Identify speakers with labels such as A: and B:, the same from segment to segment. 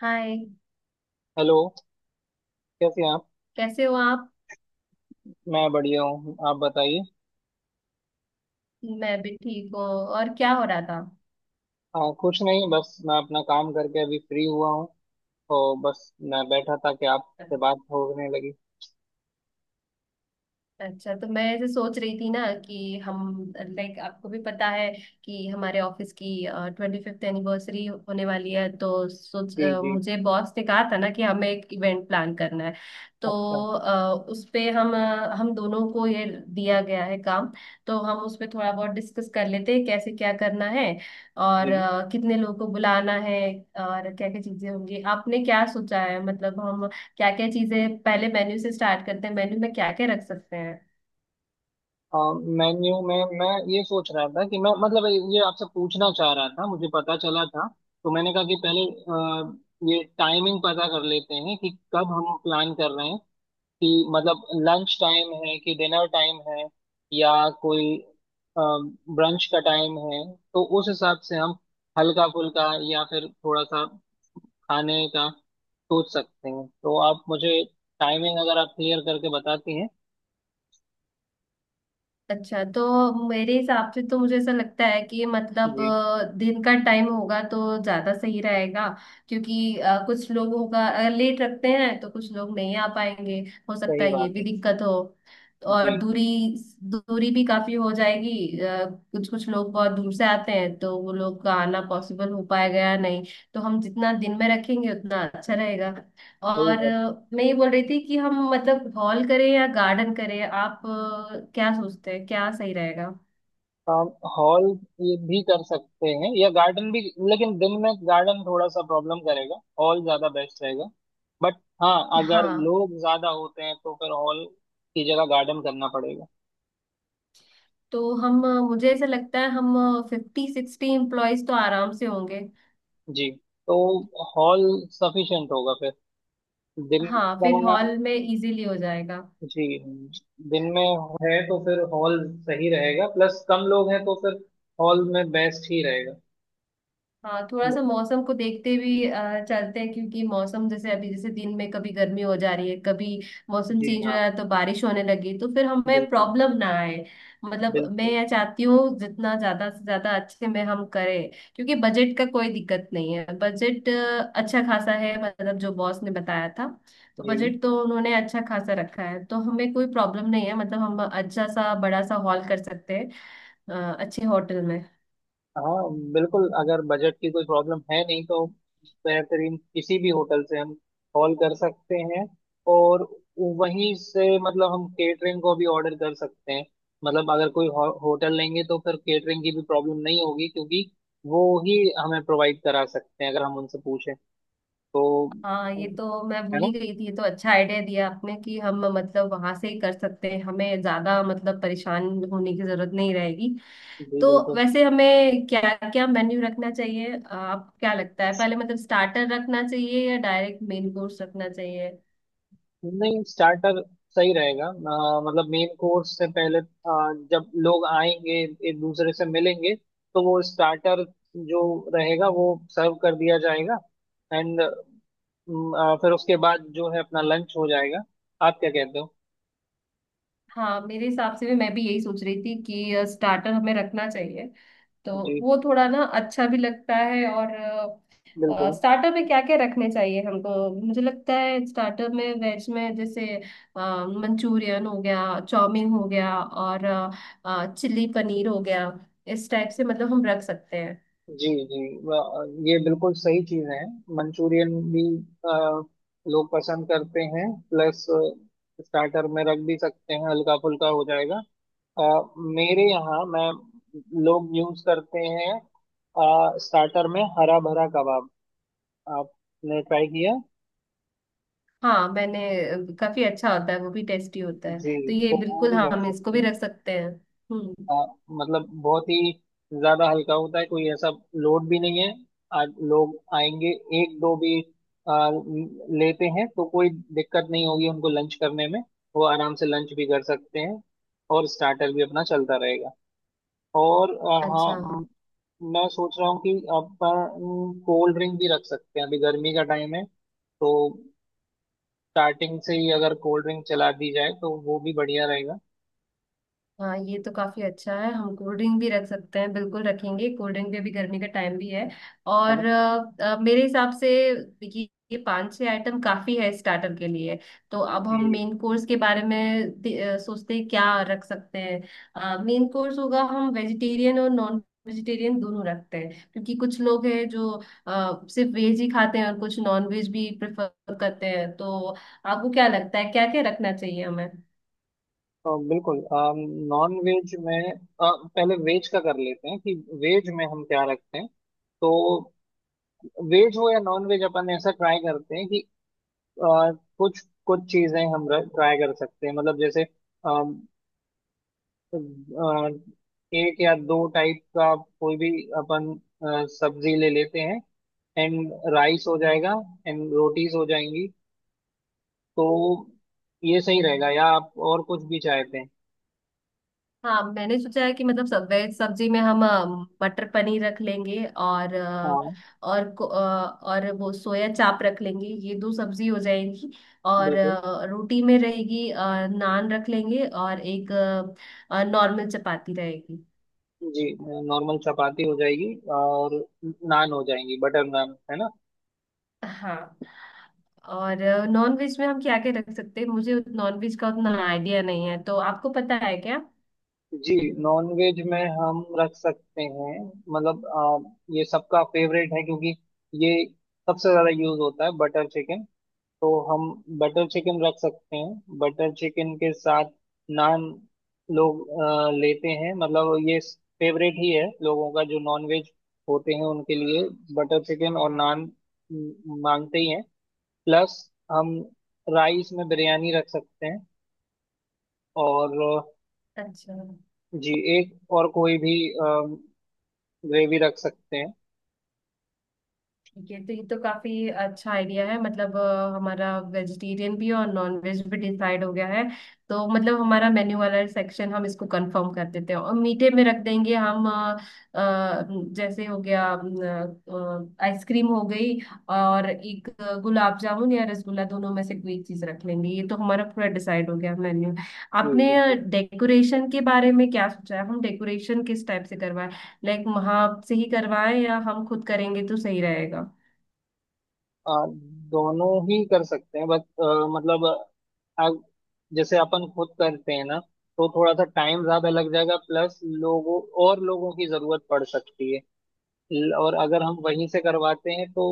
A: हाय।
B: Hello. कैसे हैं आप?
A: कैसे हो आप?
B: मैं बढ़िया हूँ, आप बताइए।
A: मैं भी ठीक हूँ। और क्या हो रहा था?
B: हाँ, कुछ नहीं, बस मैं अपना काम करके अभी फ्री हुआ हूँ। तो बस मैं बैठा था कि आपसे बात होने लगी।
A: अच्छा, तो मैं ऐसे सोच रही थी ना कि हम लाइक आपको भी पता है कि हमारे ऑफिस की 25th एनिवर्सरी होने वाली है, तो
B: जी जी।
A: मुझे बॉस ने कहा था ना कि हमें एक इवेंट प्लान करना है। तो
B: अच्छा।
A: उस पे हम दोनों को ये दिया गया है काम। तो हम उस पे थोड़ा बहुत डिस्कस कर लेते हैं कैसे क्या करना है, और
B: जी,
A: कितने लोगों को बुलाना है, और क्या क्या चीजें होंगी? आपने क्या सोचा है? मतलब हम क्या क्या चीजें, पहले मेन्यू से स्टार्ट करते हैं, मेन्यू में क्या क्या रख सकते हैं?
B: मेन्यू में मैं ये सोच रहा था कि मैं मतलब ये आपसे पूछना चाह रहा था, मुझे पता चला था। तो मैंने कहा कि पहले ये टाइमिंग पता कर लेते हैं कि कब हम प्लान कर रहे हैं, कि मतलब लंच टाइम है कि डिनर टाइम है, या कोई ब्रंच का टाइम है। तो उस हिसाब से हम हल्का फुल्का या फिर थोड़ा सा खाने का सोच सकते हैं, तो आप मुझे टाइमिंग अगर आप क्लियर करके बताती हैं।
A: अच्छा, तो मेरे हिसाब से तो मुझे ऐसा लगता है कि मतलब
B: जी।
A: दिन का टाइम होगा तो ज्यादा सही रहेगा। क्योंकि कुछ लोग होगा, अगर लेट रखते हैं तो कुछ लोग नहीं आ पाएंगे, हो सकता
B: सही
A: है ये
B: बात है।
A: भी दिक्कत हो। और
B: जी।
A: दूरी। दूरी भी काफी हो जाएगी, कुछ कुछ लोग बहुत दूर से आते हैं, तो वो लोग का आना पॉसिबल हो पाएगा या नहीं। तो हम जितना दिन में रखेंगे उतना अच्छा रहेगा।
B: सही
A: और
B: बात।
A: मैं ये बोल रही थी कि हम मतलब हॉल करें या गार्डन करें, आप क्या सोचते हैं क्या सही रहेगा?
B: हम हॉल ये भी कर सकते हैं या गार्डन भी, लेकिन दिन में गार्डन थोड़ा सा प्रॉब्लम करेगा, हॉल ज्यादा बेस्ट रहेगा। बट हाँ, अगर
A: हाँ,
B: लोग ज्यादा होते हैं तो फिर हॉल की जगह गार्डन करना पड़ेगा।
A: तो हम, मुझे ऐसा लगता है हम 50-60 एम्प्लॉयज तो आराम से होंगे।
B: जी। तो हॉल सफिशिएंट होगा फिर, दिन
A: हाँ, फिर
B: का।
A: हॉल में इजीली हो जाएगा।
B: जी, दिन में है तो फिर हॉल सही रहेगा, प्लस कम लोग हैं तो फिर हॉल में बेस्ट ही रहेगा।
A: हाँ, थोड़ा सा मौसम को देखते भी चलते हैं, क्योंकि मौसम जैसे अभी जैसे दिन में कभी गर्मी हो जा रही है, कभी मौसम
B: जी
A: चेंज हो
B: हाँ,
A: रहा है, तो बारिश होने लगी तो फिर हमें
B: बिल्कुल।
A: प्रॉब्लम ना आए। मतलब मैं
B: बिल्कुल।
A: यह चाहती हूँ जितना ज्यादा से ज्यादा अच्छे में हम करें। क्योंकि बजट का कोई दिक्कत नहीं है, बजट अच्छा खासा है, मतलब जो बॉस ने बताया था। तो
B: जी
A: बजट तो उन्होंने अच्छा खासा रखा है, तो हमें कोई प्रॉब्लम नहीं है, मतलब हम अच्छा सा बड़ा सा हॉल कर सकते हैं, अच्छे होटल में।
B: हाँ, बिल्कुल अगर बजट की कोई प्रॉब्लम है नहीं तो बेहतरीन किसी भी होटल से हम कॉल कर सकते हैं। और वहीं से मतलब हम केटरिंग को भी ऑर्डर कर सकते हैं। मतलब अगर होटल लेंगे तो फिर केटरिंग की भी प्रॉब्लम नहीं होगी, क्योंकि वो ही हमें प्रोवाइड करा सकते हैं अगर हम उनसे पूछें तो।
A: हाँ, ये तो मैं
B: है
A: भूल
B: ना?
A: ही गई थी, ये तो अच्छा आइडिया दिया आपने कि हम मतलब वहां से ही कर सकते हैं, हमें ज्यादा मतलब परेशान होने की जरूरत नहीं रहेगी।
B: जी
A: तो
B: बिल्कुल।
A: वैसे हमें क्या क्या मेन्यू रखना चाहिए? आप क्या लगता है, पहले मतलब स्टार्टर रखना चाहिए या डायरेक्ट मेन कोर्स रखना चाहिए?
B: नहीं, स्टार्टर सही रहेगा। मतलब मेन कोर्स से पहले, जब लोग आएंगे, एक दूसरे से मिलेंगे, तो वो स्टार्टर जो रहेगा वो सर्व कर दिया जाएगा। एंड फिर उसके बाद जो है अपना लंच हो जाएगा। आप क्या कहते हो?
A: हाँ, मेरे हिसाब से भी, मैं भी यही सोच रही थी कि स्टार्टर हमें रखना चाहिए, तो
B: जी
A: वो थोड़ा ना अच्छा भी लगता है। और
B: बिल्कुल।
A: स्टार्टर में क्या क्या रखने चाहिए हमको? मुझे लगता है स्टार्टर में वेज में जैसे मंचूरियन हो गया, चाउमीन हो गया, और चिल्ली पनीर हो गया, इस टाइप से मतलब हम रख सकते हैं।
B: जी जी, ये बिल्कुल सही चीज है। मंचूरियन भी अ, लोग पसंद करते हैं, प्लस स्टार्टर में रख भी सकते हैं, हल्का फुल्का हो जाएगा। अ, मेरे यहाँ मैं लोग यूज करते हैं स्टार्टर में हरा भरा कबाब, आपने ट्राई किया?
A: हाँ, मैंने, काफी अच्छा होता है, वो भी टेस्टी होता है,
B: जी,
A: तो ये
B: तो वो
A: बिल्कुल,
B: भी
A: हाँ,
B: रख
A: हम इसको
B: सकते
A: भी
B: हैं,
A: रख सकते हैं। हम्म।
B: अ, मतलब बहुत ही ज्यादा हल्का होता है, कोई ऐसा लोड भी नहीं है। आज लोग आएंगे, एक दो भी लेते हैं तो कोई दिक्कत नहीं होगी उनको लंच करने में। वो आराम से लंच भी कर सकते हैं, और स्टार्टर भी अपना चलता रहेगा। और हाँ,
A: अच्छा।
B: म, मैं सोच रहा हूँ कि अपन कोल्ड ड्रिंक भी रख सकते हैं, अभी गर्मी का टाइम है। तो स्टार्टिंग से ही अगर कोल्ड ड्रिंक चला दी जाए तो वो भी बढ़िया रहेगा,
A: हाँ, ये तो काफी अच्छा है, हम कोल्ड ड्रिंक भी रख सकते हैं, बिल्कुल रखेंगे कोल्ड ड्रिंक, में भी गर्मी का टाइम भी है।
B: है ना?
A: और मेरे हिसाब से ये 5-6 आइटम काफी है स्टार्टर के लिए। तो अब हम
B: जी।
A: मेन कोर्स के बारे में सोचते हैं क्या रख सकते हैं, मेन कोर्स होगा। हम वेजिटेरियन और नॉन वेजिटेरियन दोनों रखते हैं, क्योंकि कुछ लोग हैं जो सिर्फ वेज ही खाते हैं और कुछ नॉन वेज भी प्रेफर करते हैं। तो आपको क्या लगता है क्या क्या रखना चाहिए हमें?
B: बिल्कुल नॉन वेज में, पहले वेज का कर लेते हैं कि वेज में हम क्या रखते हैं। तो वेज हो या नॉन वेज, अपन ऐसा ट्राई करते हैं कि अ, कुछ कुछ चीजें हम ट्राई कर सकते हैं, मतलब जैसे अ, एक या दो टाइप का कोई भी अपन सब्जी ले लेते हैं, एंड राइस हो जाएगा, एंड रोटीज हो जाएंगी। तो ये सही रहेगा, या आप और कुछ भी चाहते हैं?
A: हाँ, मैंने सोचा है कि मतलब सब वेज सब्जी में हम मटर पनीर रख लेंगे, और
B: हाँ,
A: और को- अ, और वो सोया चाप रख लेंगे, ये दो सब्जी हो जाएंगी। और
B: बिल्कुल।
A: रोटी में रहेगी, नान रख लेंगे और एक नॉर्मल चपाती रहेगी।
B: जी, नॉर्मल चपाती हो जाएगी, और नान हो जाएंगी, बटर नान, है ना?
A: हाँ। और नॉन वेज में हम क्या क्या रख सकते हैं? मुझे नॉन वेज का उतना आइडिया नहीं है, तो आपको पता है क्या?
B: जी, नॉन वेज में हम रख सकते हैं, मतलब ये सबका फेवरेट है, क्योंकि ये सबसे ज्यादा यूज होता है, बटर चिकन। तो हम बटर चिकन रख सकते हैं। बटर चिकन के साथ नान लोग लेते हैं, मतलब ये फेवरेट ही है, लोगों का जो नॉन वेज होते हैं उनके लिए, बटर चिकन और नान मांगते ही हैं। प्लस हम राइस में बिरयानी रख सकते हैं। और
A: अच्छा।
B: जी, एक और कोई भी ग्रेवी रख सकते हैं।
A: ठीक है, तो ये तो काफी अच्छा आइडिया है, मतलब हमारा वेजिटेरियन भी और नॉन वेज भी डिसाइड हो गया है। तो मतलब हमारा मेन्यू वाला सेक्शन हम इसको कंफर्म कर देते हैं, और मीठे में रख देंगे हम, अ, जैसे हो गया, आइसक्रीम हो गई, और एक गुलाब जामुन या रसगुल्ला दोनों में से कोई एक चीज रख लेंगे। ये तो हमारा पूरा डिसाइड हो गया मेन्यू।
B: जी
A: आपने
B: बिल्कुल।
A: डेकोरेशन के बारे में क्या सोचा है? हम डेकोरेशन किस टाइप से करवाएं? लाइक वहां से ही करवाएं, या हम खुद करेंगे तो सही रहेगा?
B: आ, दोनों ही कर सकते हैं, बस मतलब, अग- जैसे अपन खुद करते हैं ना, तो थोड़ा सा टाइम ज्यादा लग जाएगा, प्लस लोगों, और लोगों की जरूरत पड़ सकती है। और अगर हम वहीं से करवाते हैं तो,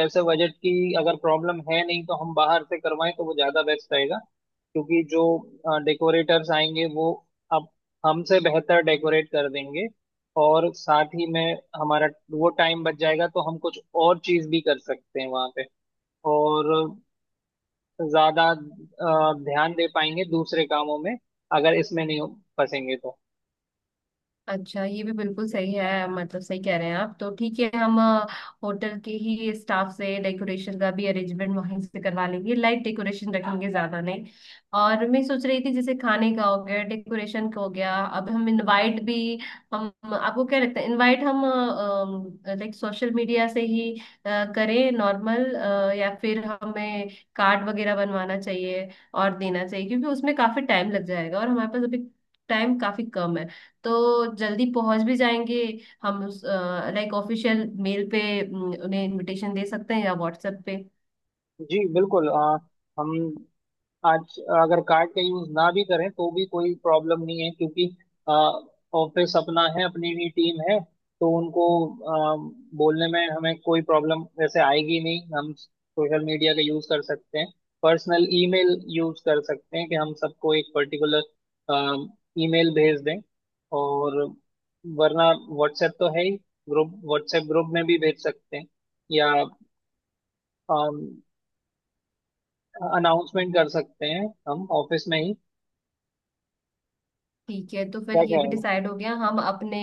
B: वैसे बजट की अगर प्रॉब्लम है नहीं तो हम बाहर से करवाएं तो वो ज्यादा बेस्ट रहेगा। क्योंकि जो डेकोरेटर्स आएंगे वो अब हमसे बेहतर डेकोरेट कर देंगे, और साथ ही में हमारा वो टाइम बच जाएगा तो हम कुछ और चीज भी कर सकते हैं वहां पे, और ज्यादा ध्यान दे पाएंगे दूसरे कामों में अगर इसमें नहीं फंसेंगे तो।
A: अच्छा, ये भी बिल्कुल सही है, मतलब सही कह रहे हैं आप। तो ठीक है, हम होटल के ही स्टाफ से डेकोरेशन का भी अरेंजमेंट वहीं से करवा लेंगे, लाइट डेकोरेशन रखेंगे, ज्यादा नहीं। और मैं सोच रही थी, जैसे खाने का हो गया, डेकोरेशन का हो गया, अब हम इनवाइट भी, हम, आपको क्या लगता है, इनवाइट हम लाइक सोशल मीडिया से ही करें नॉर्मल, या फिर हमें कार्ड वगैरह बनवाना चाहिए और देना चाहिए? क्योंकि उसमें काफी टाइम लग जाएगा और हमारे पास अभी टाइम काफी कम है, तो जल्दी पहुंच भी जाएंगे, हम उस लाइक ऑफिशियल मेल पे उन्हें इनविटेशन दे सकते हैं या व्हाट्सएप पे।
B: जी बिल्कुल। हम आज अगर कार्ड का यूज ना भी करें तो भी कोई प्रॉब्लम नहीं है, क्योंकि ऑफिस अपना है, अपनी भी टीम है। तो उनको आ, बोलने में हमें कोई प्रॉब्लम वैसे आएगी नहीं। हम सोशल मीडिया का यूज कर सकते हैं, पर्सनल ईमेल यूज कर सकते हैं, कि हम सबको एक पर्टिकुलर ईमेल भेज दें। और वरना व्हाट्सएप तो है ही, ग्रुप, व्हाट्सएप ग्रुप में भी भेज सकते हैं, या अनाउंसमेंट कर सकते हैं हम ऑफिस में ही।
A: ठीक है, तो फिर
B: क्या
A: ये
B: क्या
A: भी डिसाइड हो गया। हम अपने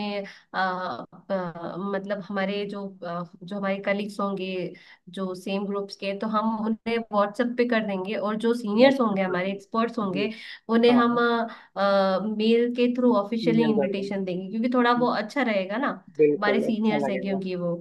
A: मतलब हमारे जो हमारे कलीग्स होंगे जो सेम ग्रुप्स के, तो हम उन्हें व्हाट्सएप पे कर देंगे, और जो सीनियर्स
B: व्हाट्सएप
A: होंगे,
B: कर
A: हमारे एक्सपर्ट्स
B: देना। जी,
A: होंगे, उन्हें
B: हाँ
A: हम
B: हाँ,
A: मेल के थ्रू ऑफिशियली
B: ईमेल कर देना,
A: इनविटेशन देंगे, क्योंकि थोड़ा वो अच्छा रहेगा ना, हमारे
B: बिल्कुल अच्छा
A: सीनियर्स है
B: लगेगा।
A: क्योंकि वो।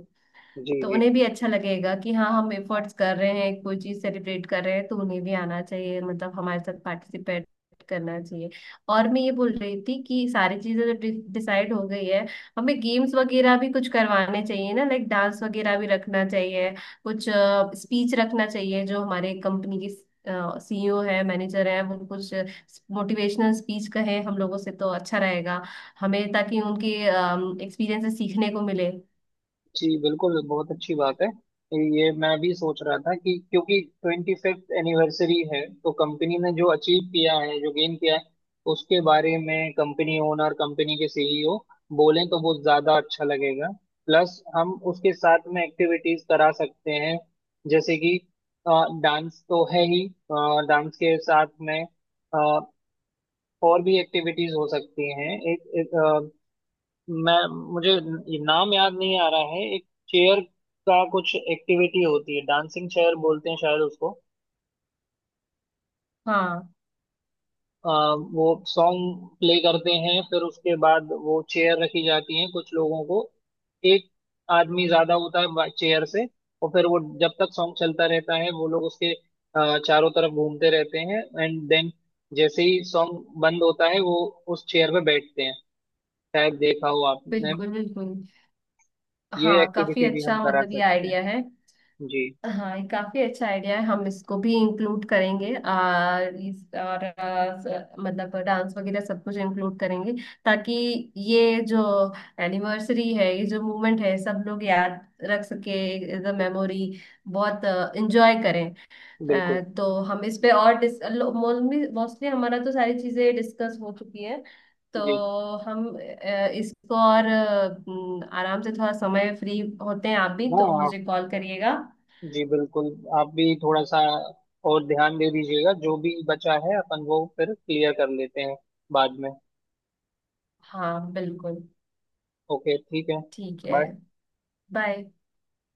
B: जी
A: तो
B: जी।
A: उन्हें भी अच्छा लगेगा कि हाँ, हम एफर्ट्स कर रहे हैं, कोई चीज सेलिब्रेट कर रहे हैं, तो उन्हें भी आना चाहिए, मतलब हमारे साथ पार्टिसिपेट करना चाहिए। और मैं ये बोल रही थी कि सारी चीजें तो डिसाइड हो गई है। हमें गेम्स वगैरह भी कुछ करवाने चाहिए ना, लाइक डांस वगैरह भी रखना चाहिए, कुछ स्पीच रखना चाहिए, जो हमारे कंपनी की सीईओ है, मैनेजर है वो, कुछ मोटिवेशनल स्पीच कहे हम लोगों से तो अच्छा रहेगा हमें, ताकि उनके एक्सपीरियंस से सीखने को मिले।
B: जी बिल्कुल, बहुत अच्छी बात है। ये मैं भी सोच रहा था कि क्योंकि 25th एनिवर्सरी है, तो कंपनी ने जो अचीव किया है, जो गेन किया है, उसके बारे में कंपनी ओनर, कंपनी के सीईओ बोलें तो वो ज्यादा अच्छा लगेगा। प्लस हम उसके साथ में एक्टिविटीज करा सकते हैं, जैसे कि डांस तो है ही, डांस के साथ में और भी एक्टिविटीज हो सकती हैं। एक मैं मुझे ये नाम याद नहीं आ रहा है, एक चेयर का कुछ एक्टिविटी होती है, डांसिंग चेयर बोलते हैं शायद उसको।
A: हाँ,
B: अ, वो सॉन्ग प्ले करते हैं, फिर उसके बाद वो चेयर रखी जाती है, कुछ लोगों को एक आदमी ज्यादा होता है चेयर से। और फिर वो जब तक सॉन्ग चलता रहता है वो लोग उसके चारों तरफ घूमते रहते हैं, एंड देन जैसे ही सॉन्ग बंद होता है वो उस चेयर पे बैठते हैं। शायद देखा हो आपने।
A: बिल्कुल बिल्कुल।
B: ये
A: हाँ, काफी
B: एक्टिविटी भी हम
A: अच्छा,
B: करा
A: मतलब ये
B: सकते
A: आइडिया
B: हैं।
A: है।
B: जी
A: हाँ, ये काफी अच्छा आइडिया है, हम इसको भी इंक्लूड करेंगे, और इस और मतलब डांस वगैरह सब कुछ इंक्लूड करेंगे, ताकि ये जो एनिवर्सरी है, ये जो मूवमेंट है, सब लोग याद रख सके एज अ मेमोरी, बहुत इंजॉय करें।
B: बिल्कुल।
A: तो हम इस पे और डिस मोस्टली हमारा तो सारी चीजें डिस्कस हो चुकी हैं। तो
B: जी
A: हम इसको और आराम से, थोड़ा समय फ्री होते हैं आप भी
B: हाँ,
A: तो
B: आप,
A: मुझे कॉल करिएगा।
B: जी बिल्कुल, आप भी थोड़ा सा और ध्यान दे दीजिएगा, जो भी बचा है अपन वो फिर क्लियर कर लेते हैं बाद में।
A: हाँ बिल्कुल।
B: ओके, ठीक है।
A: ठीक है।
B: बाय।
A: बाय।